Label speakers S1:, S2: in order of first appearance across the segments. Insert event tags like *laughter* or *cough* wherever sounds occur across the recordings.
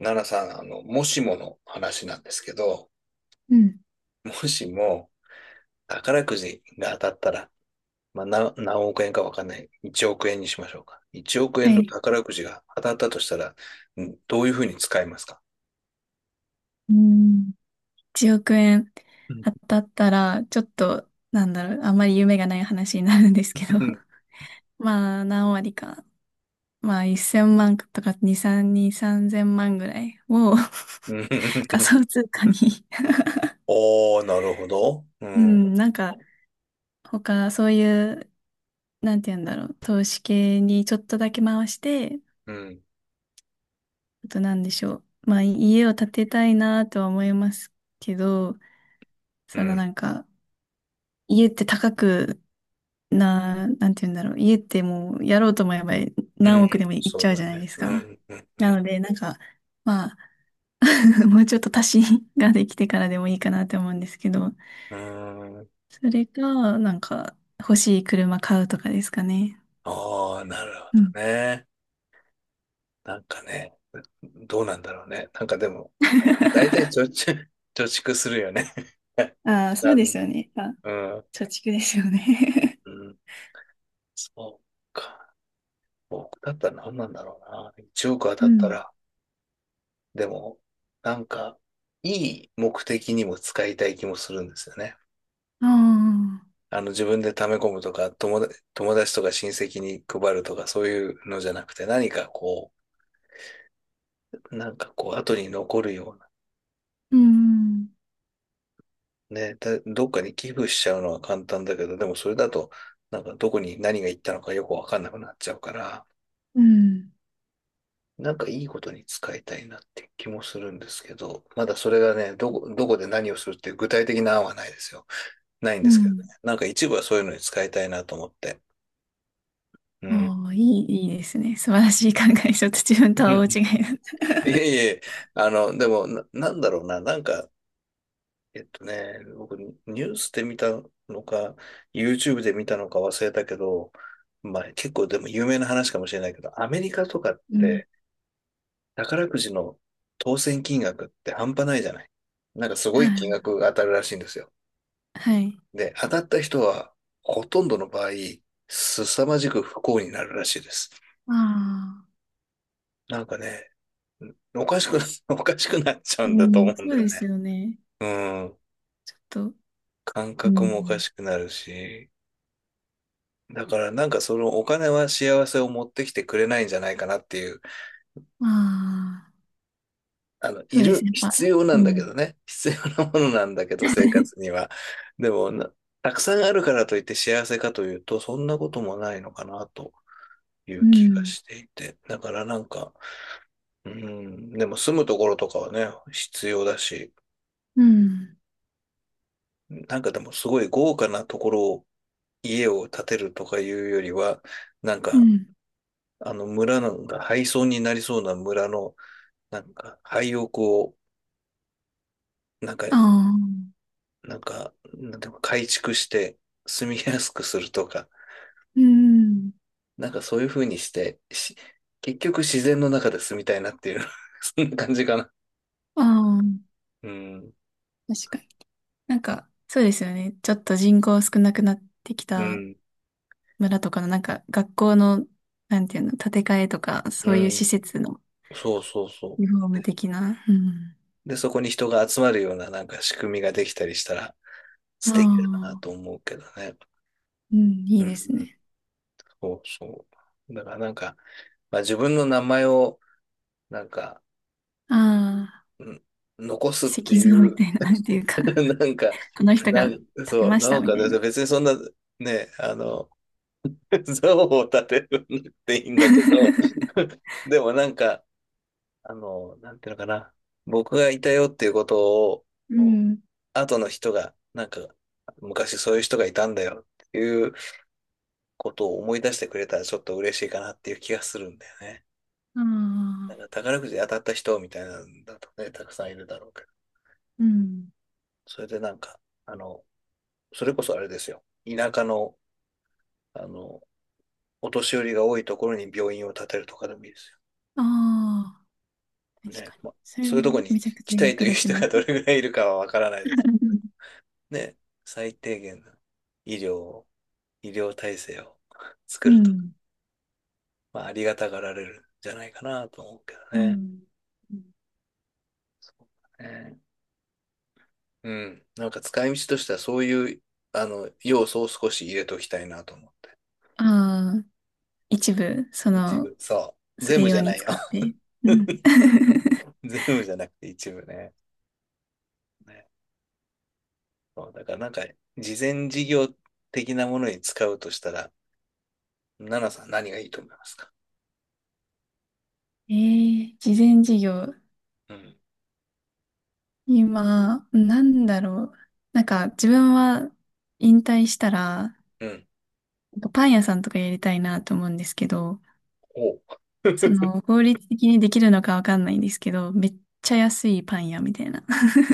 S1: 奈良さん、もしもの話なんですけど、
S2: うん。
S1: もしも宝くじが当たったら、まあ、何億円かわかんない。1億円にしましょうか。1億
S2: は
S1: 円の
S2: い。
S1: 宝くじが当たったとしたら、どういうふうに使いますか？
S2: うん。1億円
S1: うん
S2: 当たったら、ちょっと、なんだろう、あんまり夢がない話になるんですけど。*laughs* まあ、何割か。まあ、1000万とか2、3000万ぐらいを
S1: うん。
S2: *laughs* 仮
S1: *laughs*
S2: 想通貨に。
S1: おー、なるほど。う
S2: *laughs* う
S1: ん、
S2: ん、なんか、他、そういう、なんて言うんだろう、投資系にちょっとだけ回して、
S1: うん、
S2: あとなんでしょう。まあ、家を建てたいなとは思いますけど、
S1: う
S2: その
S1: ん、
S2: なんか、家って高くな、なんて言うんだろう。家ってもうやろうと思えば
S1: う
S2: 何
S1: ん、
S2: 億でもいっ
S1: そ
S2: ち
S1: う
S2: ゃう
S1: だ
S2: じゃない
S1: ね。
S2: です
S1: う
S2: か。
S1: ん、うん、
S2: なので、なんか、まあ、*laughs* もうちょっと足しができてからでもいいかなって思うんですけど、
S1: うん。
S2: それか、なんか、欲しい車買うとかですかね。
S1: あー、なるほ
S2: うん。
S1: どね。なんかね、どうなんだろうね。なんかでも、大体貯蓄、*laughs* 貯蓄するよね。
S2: ああ、
S1: *laughs*
S2: そう
S1: な
S2: で
S1: ん、
S2: すよね。あ、
S1: うん、
S2: 貯蓄ですよね。
S1: うん、そうか。僕だったら何なんだろうな。1億当
S2: *laughs* う
S1: たった
S2: ん。
S1: ら、でも、なんか、いい目的にも使いたい気もするんですよね。
S2: ああ、
S1: 自分で貯め込むとか、友達とか親戚に配るとか、そういうのじゃなくて、何かこう、なんかこう、後に残るような。
S2: うん、
S1: ね、どっかに寄付しちゃうのは簡単だけど、でもそれだと、なんかどこに何が行ったのかよくわかんなくなっちゃうから、
S2: うん、
S1: なんかいいことに使いたいなって気もするんですけど、まだそれがね、どこで何をするっていう具体的な案はないですよ。ないん
S2: う
S1: ですけどね。
S2: ん。
S1: なんか一部はそういうのに使いたいなと思って。うん。
S2: ああ、いい、いいですね。素晴らしい考え。ちょっと自分と
S1: *laughs* う
S2: は大
S1: ん。
S2: 違いだ。
S1: いえいえ、でもな、なんだろうな、なんか、僕、ニュースで見たのか、YouTube で見たのか忘れたけど、まあ結構でも有名な話かもしれないけど、アメリカとかっ
S2: うん。
S1: て、宝くじの当選金額って半端ないじゃない。なんかすご
S2: は
S1: い金
S2: い。
S1: 額が当たるらしいんですよ。
S2: はい。
S1: で、当たった人はほとんどの場合、凄まじく不幸になるらしいです。
S2: ああ。
S1: なんかね、おかしくな、*laughs* おかしくなっちゃう
S2: う
S1: んだと思
S2: ん、
S1: うん
S2: そう
S1: だよ
S2: で
S1: ね。
S2: すよね。
S1: うん。
S2: ちょっと、
S1: 感
S2: う
S1: 覚もおか
S2: ん。
S1: しくなるし、だからなんかそのお金は幸せを持ってきてくれないんじゃないかなっていう
S2: まあ、そうですね。やっぱ、
S1: 必要な
S2: う
S1: んだけ
S2: ん、
S1: どね。必要なものなんだけど、生活には。でもな、たくさんあるからといって幸せかというと、そんなこともないのかなとい
S2: う
S1: う気が
S2: ん、
S1: していて。だからなんか、うん、でも住むところとかはね、必要だし、
S2: うん、
S1: なんかでもすごい豪華なところを、家を建てるとかいうよりは、なん
S2: う
S1: か、
S2: ん。
S1: あの村なんか廃村になりそうな村の、なんか廃屋を、なんか
S2: ああ、
S1: なんか、なんていうか改築して住みやすくするとか、
S2: うん、
S1: なんかそういう風にして、結局自然の中で住みたいなっていう *laughs*、そんな感じかな。
S2: ああ、
S1: うん、
S2: 確かに。なんか、そうですよね。ちょっと人口少なくなってき
S1: う
S2: た
S1: ん、
S2: 村とかの、なんか、学校の、なんていうの、建て替えとか、
S1: う
S2: そういう施
S1: ん。
S2: 設の
S1: そうそうそ
S2: リフォーム的な。うん。
S1: う。で、そこに人が集まるようななんか仕組みができたりしたら
S2: あ
S1: 素敵だな
S2: あ、
S1: と思うけどね。
S2: うん、い
S1: う
S2: い
S1: ん、
S2: です
S1: うん、
S2: ね。
S1: そうそう。だからなんか、まあ、自分の名前をなんか、
S2: ああ、
S1: うん、残すっ
S2: 石
S1: てい
S2: 像みた
S1: う
S2: いな、なんていうか、
S1: *laughs* なんか、
S2: この人が建て
S1: そう、
S2: まし
S1: な
S2: た
S1: ん
S2: み
S1: か
S2: たいな。
S1: 別にそんな、ね、*laughs* 像を立てるんっていいんだけど、
S2: *laughs*
S1: *laughs* でもなんか、なんていうのかな、僕がいたよっていうことを、
S2: うそん。
S1: 後の人が、なんか、昔そういう人がいたんだよっていうことを思い出してくれたらちょっと嬉しいかなっていう気がするんだよね。
S2: あ
S1: なんか
S2: あ、
S1: 宝くじで当たった人みたいなんだとね、たくさんいるだろうけど、
S2: うん。
S1: それでなんか、あの、それこそあれですよ、田舎の、あの、お年寄りが多いところに病院を建てるとかでもいいです
S2: ああ、
S1: よ。
S2: 確
S1: ね。
S2: かに。
S1: まあ、
S2: それ、
S1: そういうところに
S2: めちゃく
S1: 来
S2: ちゃ
S1: たいと
S2: 役
S1: いう
S2: 立ち
S1: 人
S2: ま
S1: が
S2: す。
S1: どれぐらいいるかはわからないです。
S2: *laughs*
S1: ね。最低限の医療を、医療体制を *laughs* 作
S2: う
S1: ると。
S2: ん。
S1: まあ、ありがたがられるんじゃないかなと思うけど
S2: う
S1: ね。
S2: ん。
S1: ね。うん。なんか使い道としてはそういう、要素を少し入れときたいなと思って。
S2: ああ、一部、そ
S1: 一
S2: の、
S1: 部。そう。
S2: そ
S1: 全
S2: れ
S1: 部じ
S2: 用
S1: ゃ
S2: に
S1: ないよ。
S2: 使って。うん。
S1: *laughs*
S2: *laughs*
S1: 全部じゃなくて一部ね。ね。そうだからなんか、事前事業的なものに使うとしたら、奈々さん何がいいと思いますか？
S2: ええ事前事業。
S1: うん。
S2: 今、なんだろう。なんか、自分は引退したら、
S1: うん。
S2: パン屋さんとかやりたいなと思うんですけど、
S1: お
S2: そ
S1: *laughs*
S2: の、法律的にできるのかわかんないんですけど、めっちゃ安いパン屋みたいな。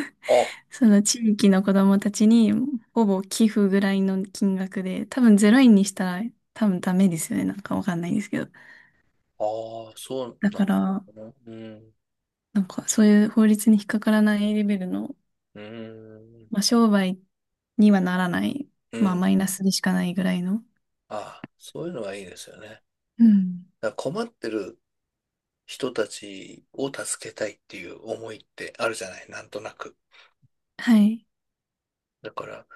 S2: *laughs* その地域の子供たちにほぼ寄付ぐらいの金額で、多分ゼイ円にしたら多分ダメですよね。なんかわかんないですけど。
S1: あああ、そう
S2: だから、
S1: なの。うん。
S2: なんかそういう法律に引っかからないレベルの、
S1: うん。
S2: まあ商売にはならない、
S1: う
S2: まあ
S1: ん。
S2: マイナスでしかないぐらいの。
S1: ああ、そういうのはいいですよね。
S2: うん。
S1: だから困ってる人たちを助けたいっていう思いってあるじゃない、なんとなく。
S2: はい。
S1: だから、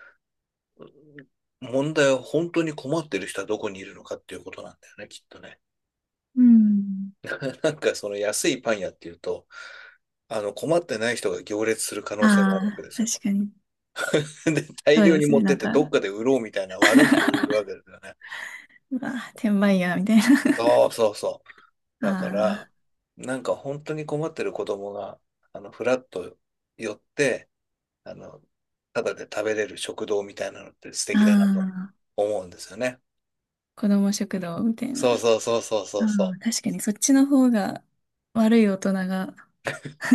S1: 問題は本当に困ってる人はどこにいるのかっていうことなんだよね、きっとね。
S2: うん。
S1: *laughs* なんかその安いパン屋っていうと、困ってない人が行列する可
S2: あ
S1: 能性もあるわけで
S2: あ、
S1: すよ。
S2: 確かに。
S1: *laughs* で、大
S2: そう
S1: 量
S2: で
S1: に
S2: す
S1: 持っ
S2: ね。
S1: て
S2: な
S1: っ
S2: ん
S1: て
S2: か。
S1: どっ
S2: *laughs*
S1: かで売ろうみたいな悪い人がいるわけですよね。
S2: うわ、転売ヤーみたいな。
S1: そうそうそう。だから、
S2: あ
S1: なんか本当に困ってる子供が、フラッと寄って、あの、ただで食べれる食堂みたいなのって素
S2: あ、
S1: 敵だなと
S2: ああ、
S1: 思うんですよね。
S2: 子供食堂みたいな。
S1: そうそうそうそうそ
S2: あ
S1: うそ
S2: あ、確かにそっちの方が悪い大人が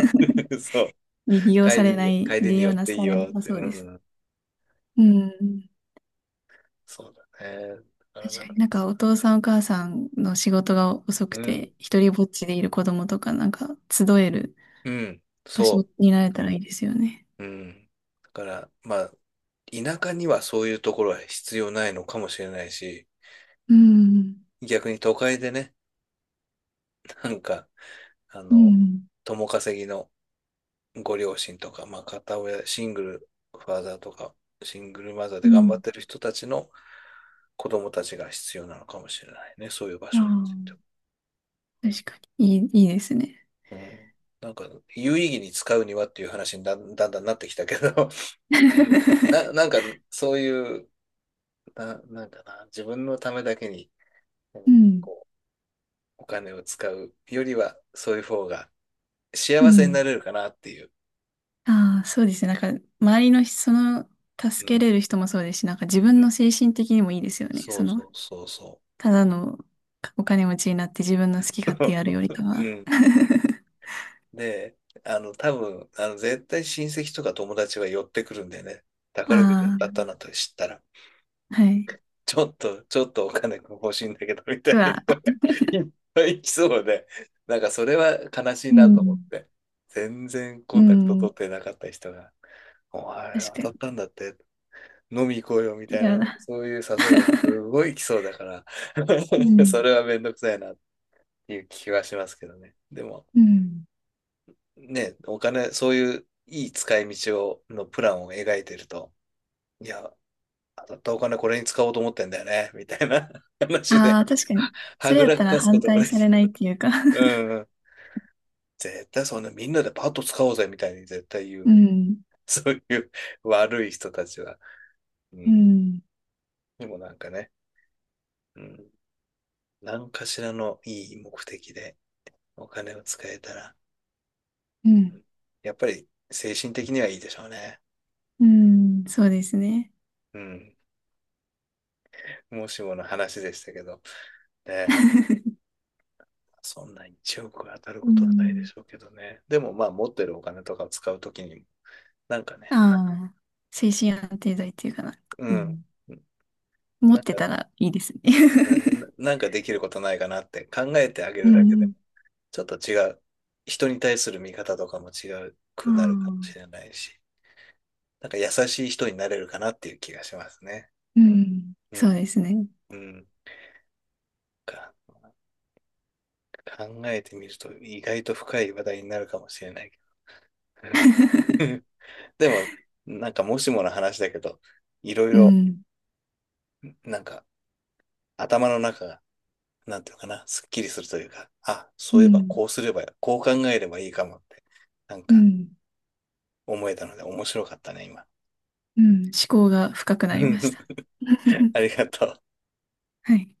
S1: う。*laughs* そう。
S2: に
S1: 帰り
S2: 利
S1: に寄
S2: 用
S1: っ
S2: な
S1: ていい
S2: されな
S1: よっ
S2: さ
S1: て。
S2: そう
S1: う
S2: です。
S1: ん。
S2: うん。
S1: そうだね。だから
S2: 確
S1: なん
S2: か
S1: か、
S2: になんかお父さんお母さんの仕事が遅く
S1: うん。
S2: て、一人ぼっちでいる子供とかなんか集える
S1: うん。
S2: 場所
S1: そう。
S2: になれたらいいですよね。
S1: うん。だから、まあ、田舎にはそういうところは必要ないのかもしれないし、
S2: うん。
S1: 逆に都会でね、なんか、あ
S2: う
S1: の、
S2: ん。
S1: 共稼ぎのご両親とか、まあ、片親、シングルファーザーとか、シングルマザー
S2: う
S1: で頑張
S2: ん。
S1: ってる人たちの子供たちが必要なのかもしれないね。そういう場所について
S2: ああ、
S1: は。
S2: 確かに。いい、いいですね。
S1: うん。なんか、有意義に使うにはっていう話にだんだんだんなってきたけど、*laughs* うん。なん
S2: *laughs*
S1: か、そういう、なんだな、自分のためだけにう
S2: う
S1: ん
S2: ん。
S1: こう、お金を使うよりは、そういう方が
S2: う
S1: 幸せにな
S2: ん。
S1: れるかなっていう。
S2: ああ、そうですね。なんか、周りの人、その、
S1: う
S2: 助け
S1: ん。
S2: れる人もそうですし、なんか自
S1: う
S2: 分の
S1: ん。
S2: 精神的にもいいですよね。
S1: そ
S2: そ
S1: うそ
S2: の、
S1: うそうそ
S2: ただのお金持ちになって自分の好き
S1: う。
S2: 勝手やるよりか
S1: *laughs*
S2: は。
S1: うん。
S2: *laughs*
S1: で、多分、絶対親戚とか友達は寄ってくるんだよね。宝くじ当たっ
S2: あ
S1: たなと知ったら、
S2: あ、はい。
S1: ちょっとお金欲しいんだけど、みた
S2: う
S1: いな
S2: わ、
S1: 人が *laughs* いっぱい来そうで、なんかそれは悲しい
S2: う
S1: なと思っ
S2: ん、
S1: て、全然コ
S2: う
S1: ンタクト取
S2: ん、
S1: ってなかった人が、お前
S2: 確
S1: 当たっ
S2: か
S1: たんだって飲み行こうよみ
S2: に。
S1: た
S2: い
S1: い
S2: や
S1: な、
S2: だ。
S1: そういう誘いがす
S2: *laughs*
S1: ごい来そうだか
S2: う
S1: ら *laughs*
S2: ん、
S1: それはめんどくさいなっていう気はしますけどね。でも、
S2: うん。
S1: ね、お金、そういういい使い道を、のプランを描いてると、いや、当たったお金これに使おうと思ってんだよね、みたいな *laughs* 話で、
S2: ああ、確かに。
S1: は
S2: それ
S1: ぐ
S2: やっ
S1: ら
S2: たら
S1: かすこ
S2: 反
S1: とも
S2: 対
S1: ね、
S2: されないっていうか。
S1: うんうん。絶対そんなみんなでパッと使おうぜみたいに絶対言
S2: *laughs* う
S1: うけど、
S2: ん、
S1: そういう悪い人たちは。う
S2: う
S1: ん。
S2: ん、
S1: でもなんかね、うん。何かしらのいい目的でお金を使えたら、
S2: うん、
S1: やっぱり精神的にはいいでしょうね。
S2: うん、そうですね。
S1: うん。もしもの話でしたけど、ね、
S2: *laughs*
S1: そんな1億当たる
S2: う
S1: ことはないで
S2: ん。
S1: しょうけどね。でもまあ持ってるお金とかを使うときに、なんかね、
S2: ああ、精神安定剤っていうかな。
S1: う
S2: う
S1: ん。
S2: ん。持
S1: な
S2: っ
S1: ん
S2: て
S1: か、
S2: たらいいですね。
S1: うん
S2: *laughs*
S1: なんかできることないかなって考えてあげ
S2: う
S1: るだけでも、
S2: ん。
S1: ちょっと違う。人に対する見方とかも違う
S2: あ
S1: く
S2: あ、
S1: なるかもしれないし、なんか優しい人になれるかなっていう気がしますね。
S2: うん。
S1: う
S2: そう
S1: ん。
S2: ですね。
S1: うん。か考えてみると意外と深い話題になるかもしれないけど。
S2: *laughs*
S1: *laughs* でも、なんかもしもの話だけど、いろい
S2: う
S1: ろ、
S2: ん。
S1: なんか頭の中が、なんていうのかな、すっきりするというか、あ、
S2: う
S1: そういえば
S2: ん。
S1: こうすれば、こう考えればいいかもって、なん
S2: う
S1: か
S2: ん。
S1: 思えたので面白かったね、今。
S2: うん。思考が深くなりました。
S1: *laughs* あり
S2: *laughs*
S1: がとう。
S2: はい。